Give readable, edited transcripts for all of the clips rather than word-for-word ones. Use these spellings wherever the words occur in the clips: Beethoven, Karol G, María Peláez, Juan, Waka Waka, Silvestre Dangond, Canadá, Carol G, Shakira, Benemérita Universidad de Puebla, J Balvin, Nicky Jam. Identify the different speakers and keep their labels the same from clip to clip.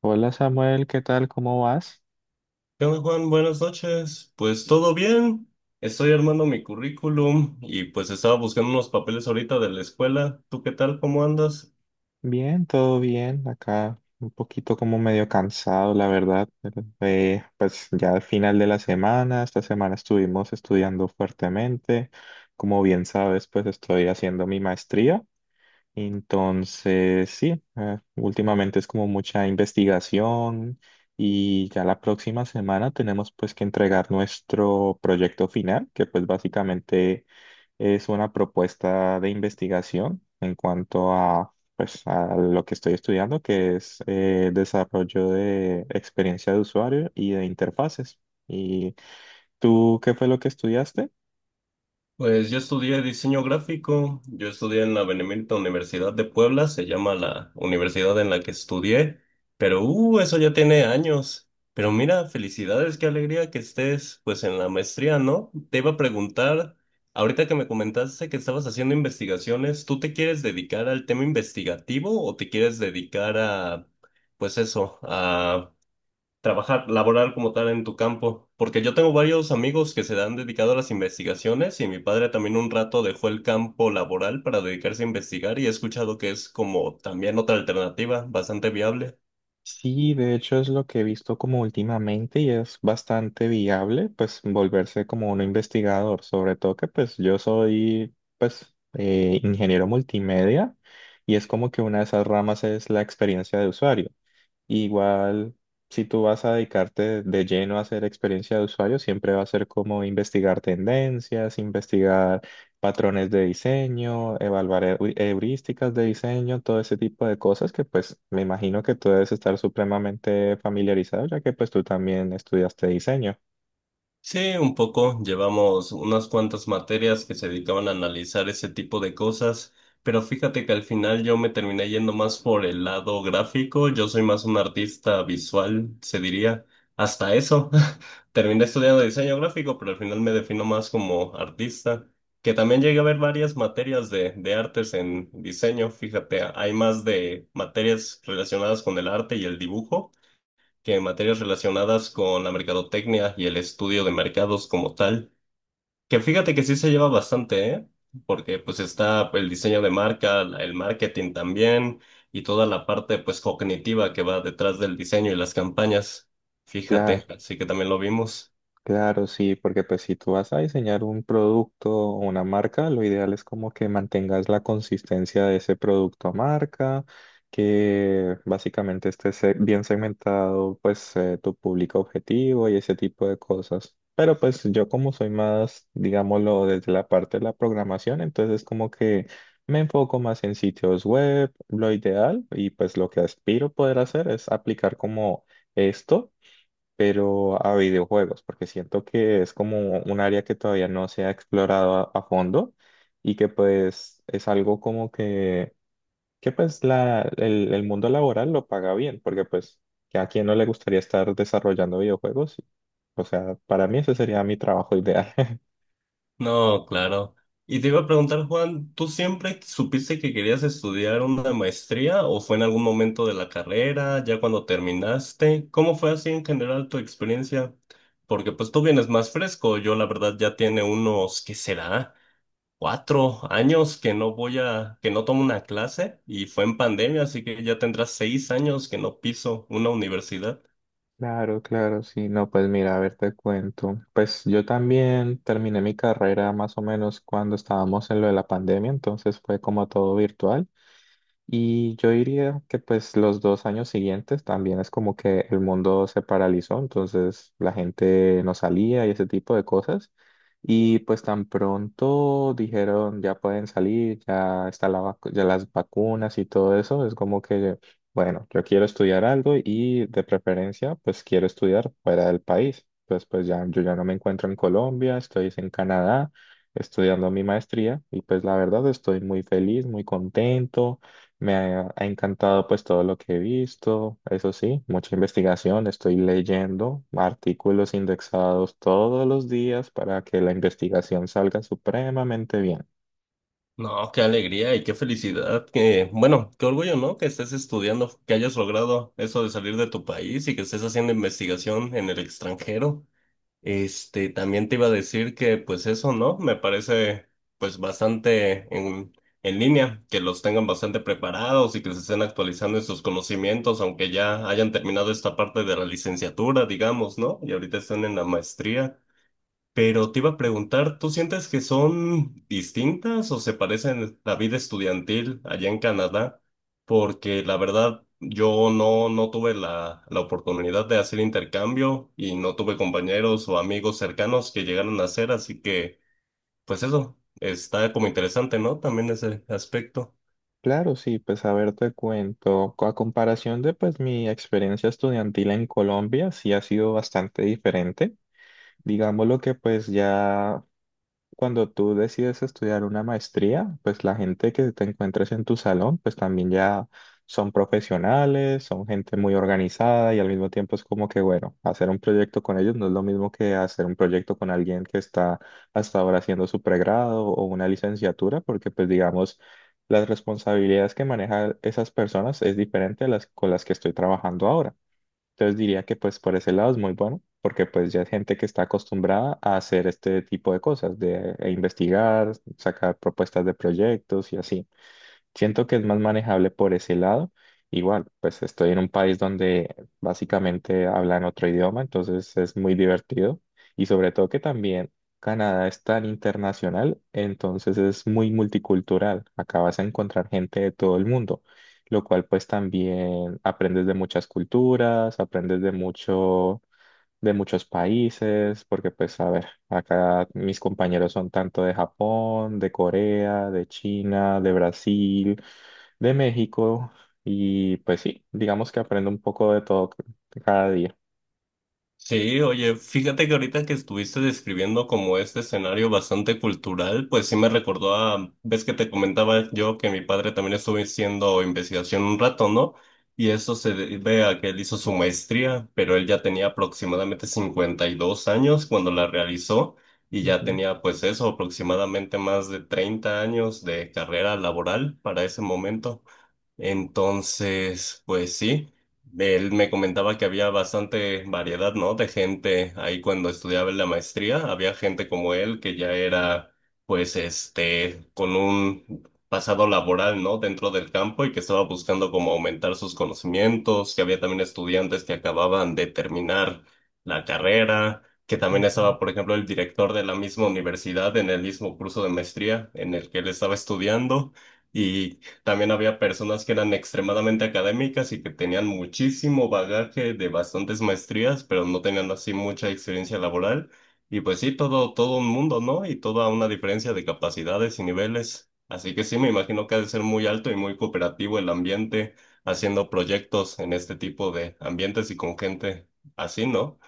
Speaker 1: Hola Samuel, ¿qué tal? ¿Cómo vas?
Speaker 2: ¿Qué onda, Juan? Buenas noches. Pues todo bien. Estoy armando mi currículum y pues estaba buscando unos papeles ahorita de la escuela. ¿Tú qué tal? ¿Cómo andas?
Speaker 1: Bien, todo bien. Acá un poquito como medio cansado, la verdad, pero, pues ya al final de la semana, esta semana estuvimos estudiando fuertemente. Como bien sabes, pues estoy haciendo mi maestría. Entonces, sí, últimamente es como mucha investigación y ya la próxima semana tenemos pues que entregar nuestro proyecto final, que pues básicamente es una propuesta de investigación en cuanto a, pues, a lo que estoy estudiando, que es, desarrollo de experiencia de usuario y de interfaces. ¿Y tú qué fue lo que estudiaste?
Speaker 2: Pues yo estudié diseño gráfico, yo estudié en la Benemérita Universidad de Puebla, se llama la universidad en la que estudié, pero eso ya tiene años. Pero mira, felicidades, qué alegría que estés pues en la maestría, ¿no? Te iba a preguntar, ahorita que me comentaste que estabas haciendo investigaciones, ¿tú te quieres dedicar al tema investigativo o te quieres dedicar a, pues eso, a trabajar, laborar como tal en tu campo, porque yo tengo varios amigos que se han dedicado a las investigaciones y mi padre también un rato dejó el campo laboral para dedicarse a investigar y he escuchado que es como también otra alternativa bastante viable.
Speaker 1: Sí, de hecho es lo que he visto como últimamente y es bastante viable, pues volverse como un investigador, sobre todo que pues yo soy, pues, ingeniero multimedia, y es como que una de esas ramas es la experiencia de usuario. Igual, si tú vas a dedicarte de lleno a hacer experiencia de usuario, siempre va a ser como investigar tendencias, investigar patrones de diseño, evaluar heurísticas de diseño, todo ese tipo de cosas que pues me imagino que tú debes estar supremamente familiarizado, ya que pues tú también estudiaste diseño.
Speaker 2: Sí, un poco. Llevamos unas cuantas materias que se dedicaban a analizar ese tipo de cosas, pero fíjate que al final yo me terminé yendo más por el lado gráfico. Yo soy más un artista visual, se diría. Hasta eso. Terminé estudiando diseño gráfico, pero al final me defino más como artista, que también llegué a ver varias materias de artes en diseño. Fíjate, hay más de materias relacionadas con el arte y el dibujo que en materias relacionadas con la mercadotecnia y el estudio de mercados como tal, que fíjate que sí se lleva bastante, ¿eh? Porque pues está el diseño de marca, el marketing también y toda la parte pues cognitiva que va detrás del diseño y las campañas. Fíjate,
Speaker 1: Claro.
Speaker 2: así que también lo vimos.
Speaker 1: Claro, sí, porque pues si tú vas a diseñar un producto o una marca, lo ideal es como que mantengas la consistencia de ese producto o marca, que básicamente esté bien segmentado, pues, tu público objetivo y ese tipo de cosas. Pero pues yo como soy más, digámoslo, desde la parte de la programación, entonces como que me enfoco más en sitios web, lo ideal, y pues lo que aspiro poder hacer es aplicar como esto, pero a videojuegos, porque siento que es como un área que todavía no se ha explorado a fondo, y que pues es algo como que pues el mundo laboral lo paga bien, porque pues que a quién no le gustaría estar desarrollando videojuegos. O sea, para mí ese sería mi trabajo ideal.
Speaker 2: No, claro. Y te iba a preguntar, Juan, ¿tú siempre supiste que querías estudiar una maestría o fue en algún momento de la carrera, ya cuando terminaste? ¿Cómo fue así en general tu experiencia? Porque pues tú vienes más fresco, yo la verdad ya tiene unos, ¿qué será? 4 años que no tomo una clase y fue en pandemia, así que ya tendrás 6 años que no piso una universidad.
Speaker 1: Claro, claro, sí, no, pues mira, a ver, te cuento. Pues yo también terminé mi carrera más o menos cuando estábamos en lo de la pandemia, entonces fue como todo virtual. Y yo diría que pues los dos años siguientes también es como que el mundo se paralizó, entonces la gente no salía y ese tipo de cosas. Y pues tan pronto dijeron ya pueden salir, ya está ya las vacunas y todo eso, es como que, bueno, yo quiero estudiar algo y de preferencia pues quiero estudiar fuera del país. Pues ya yo ya no me encuentro en Colombia, estoy en Canadá estudiando mi maestría, y pues la verdad estoy muy feliz, muy contento. Me ha, ha encantado pues todo lo que he visto. Eso sí, mucha investigación, estoy leyendo artículos indexados todos los días para que la investigación salga supremamente bien.
Speaker 2: No, qué alegría y qué felicidad, que, bueno, qué orgullo, ¿no? Que estés estudiando, que hayas logrado eso de salir de tu país y que estés haciendo investigación en el extranjero. Este, también te iba a decir que, pues eso, ¿no? Me parece, pues, bastante en línea, que los tengan bastante preparados y que se estén actualizando en sus conocimientos, aunque ya hayan terminado esta parte de la licenciatura, digamos, ¿no? Y ahorita están en la maestría. Pero te iba a preguntar, ¿tú sientes que son distintas o se parecen la vida estudiantil allá en Canadá? Porque la verdad, yo no, no tuve la oportunidad de hacer intercambio y no tuve compañeros o amigos cercanos que llegaron a hacer, así que, pues eso, está como interesante, ¿no? También ese aspecto.
Speaker 1: Claro, sí, pues a ver, te cuento, a comparación de pues mi experiencia estudiantil en Colombia, sí ha sido bastante diferente. Digámoslo que pues ya cuando tú decides estudiar una maestría, pues la gente que te encuentres en tu salón, pues también ya son profesionales, son gente muy organizada, y al mismo tiempo es como que, bueno, hacer un proyecto con ellos no es lo mismo que hacer un proyecto con alguien que está hasta ahora haciendo su pregrado o una licenciatura, porque pues digamos, las responsabilidades que manejan esas personas es diferente a las con las que estoy trabajando ahora. Entonces diría que pues por ese lado es muy bueno, porque pues ya es gente que está acostumbrada a hacer este tipo de cosas, de e investigar, sacar propuestas de proyectos y así. Siento que es más manejable por ese lado. Igual, pues estoy en un país donde básicamente hablan otro idioma, entonces es muy divertido. Y sobre todo que también Canadá es tan internacional, entonces es muy multicultural. Acá vas a encontrar gente de todo el mundo, lo cual pues también aprendes de muchas culturas, aprendes de mucho, de muchos países, porque pues a ver, acá mis compañeros son tanto de Japón, de Corea, de China, de Brasil, de México, y pues sí, digamos que aprendo un poco de todo cada día.
Speaker 2: Sí, oye, fíjate que ahorita que estuviste describiendo como este escenario bastante cultural, pues sí me recordó a, ves que te comentaba yo que mi padre también estuvo haciendo investigación un rato, ¿no? Y eso se debe a que él hizo su maestría, pero él ya tenía aproximadamente 52 años cuando la realizó y ya
Speaker 1: Ujú,
Speaker 2: tenía pues eso, aproximadamente más de 30 años de carrera laboral para ese momento. Entonces, pues sí, él me comentaba que había bastante variedad, ¿no? De gente ahí cuando estudiaba en la maestría, había gente como él que ya era, pues, este, con un pasado laboral, ¿no? Dentro del campo y que estaba buscando como aumentar sus conocimientos, que había también estudiantes que acababan de terminar la carrera, que también
Speaker 1: ujú.
Speaker 2: estaba, por ejemplo, el director de la misma universidad en el mismo curso de maestría en el que él estaba estudiando. Y también había personas que eran extremadamente académicas y que tenían muchísimo bagaje de bastantes maestrías, pero no tenían así mucha experiencia laboral. Y pues sí, todo, todo un mundo, ¿no? Y toda una diferencia de capacidades y niveles. Así que sí, me imagino que ha de ser muy alto y muy cooperativo el ambiente haciendo proyectos en este tipo de ambientes y con gente así, ¿no?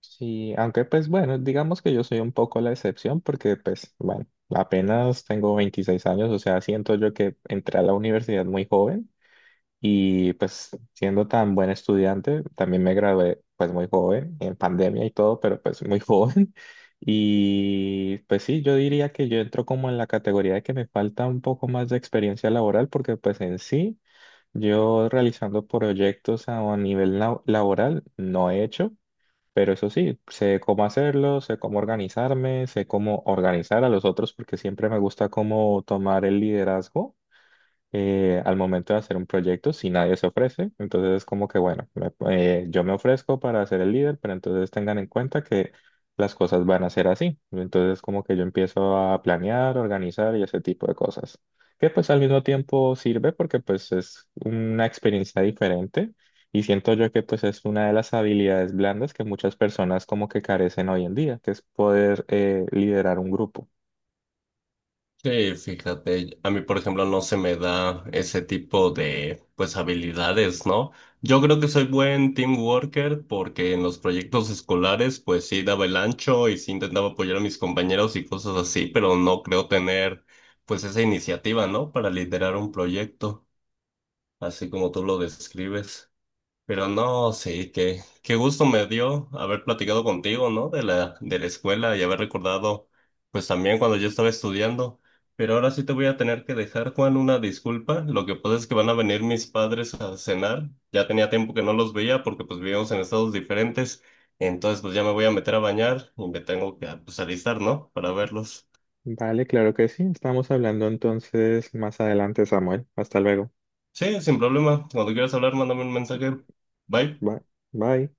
Speaker 1: Sí, aunque pues bueno, digamos que yo soy un poco la excepción porque pues bueno, apenas tengo 26 años. O sea, siento yo que entré a la universidad muy joven. Y pues siendo tan buen estudiante, también me gradué pues muy joven, en pandemia y todo, pero pues muy joven. Y pues sí, yo diría que yo entro como en la categoría de que me falta un poco más de experiencia laboral, porque pues en sí yo realizando proyectos a nivel laboral no he hecho, pero eso sí, sé cómo hacerlo, sé cómo organizarme, sé cómo organizar a los otros, porque siempre me gusta cómo tomar el liderazgo, al momento de hacer un proyecto si nadie se ofrece. Entonces es como que, bueno, yo me ofrezco para ser el líder, pero entonces tengan en cuenta que las cosas van a ser así. Entonces como que yo empiezo a planear, organizar y ese tipo de cosas. Que pues al mismo tiempo sirve porque pues es una experiencia diferente, y siento yo que pues es una de las habilidades blandas que muchas personas como que carecen hoy en día, que es poder, liderar un grupo.
Speaker 2: Sí, fíjate, a mí por ejemplo no se me da ese tipo de pues habilidades, ¿no? Yo creo que soy buen team worker porque en los proyectos escolares pues sí daba el ancho y sí intentaba apoyar a mis compañeros y cosas así, pero no creo tener pues esa iniciativa, ¿no? Para liderar un proyecto, así como tú lo describes. Pero no, sí, qué, qué gusto me dio haber platicado contigo, ¿no? De la escuela y haber recordado, pues también cuando yo estaba estudiando. Pero ahora sí te voy a tener que dejar, Juan, una disculpa. Lo que pasa es que van a venir mis padres a cenar. Ya tenía tiempo que no los veía porque pues vivíamos en estados diferentes. Entonces pues ya me voy a meter a bañar y me tengo que pues, alistar, ¿no? Para verlos.
Speaker 1: Vale, claro que sí. Estamos hablando entonces más adelante, Samuel. Hasta luego.
Speaker 2: Sí, sin problema. Cuando quieras hablar, mándame un mensaje. Bye.
Speaker 1: Bye. Bye.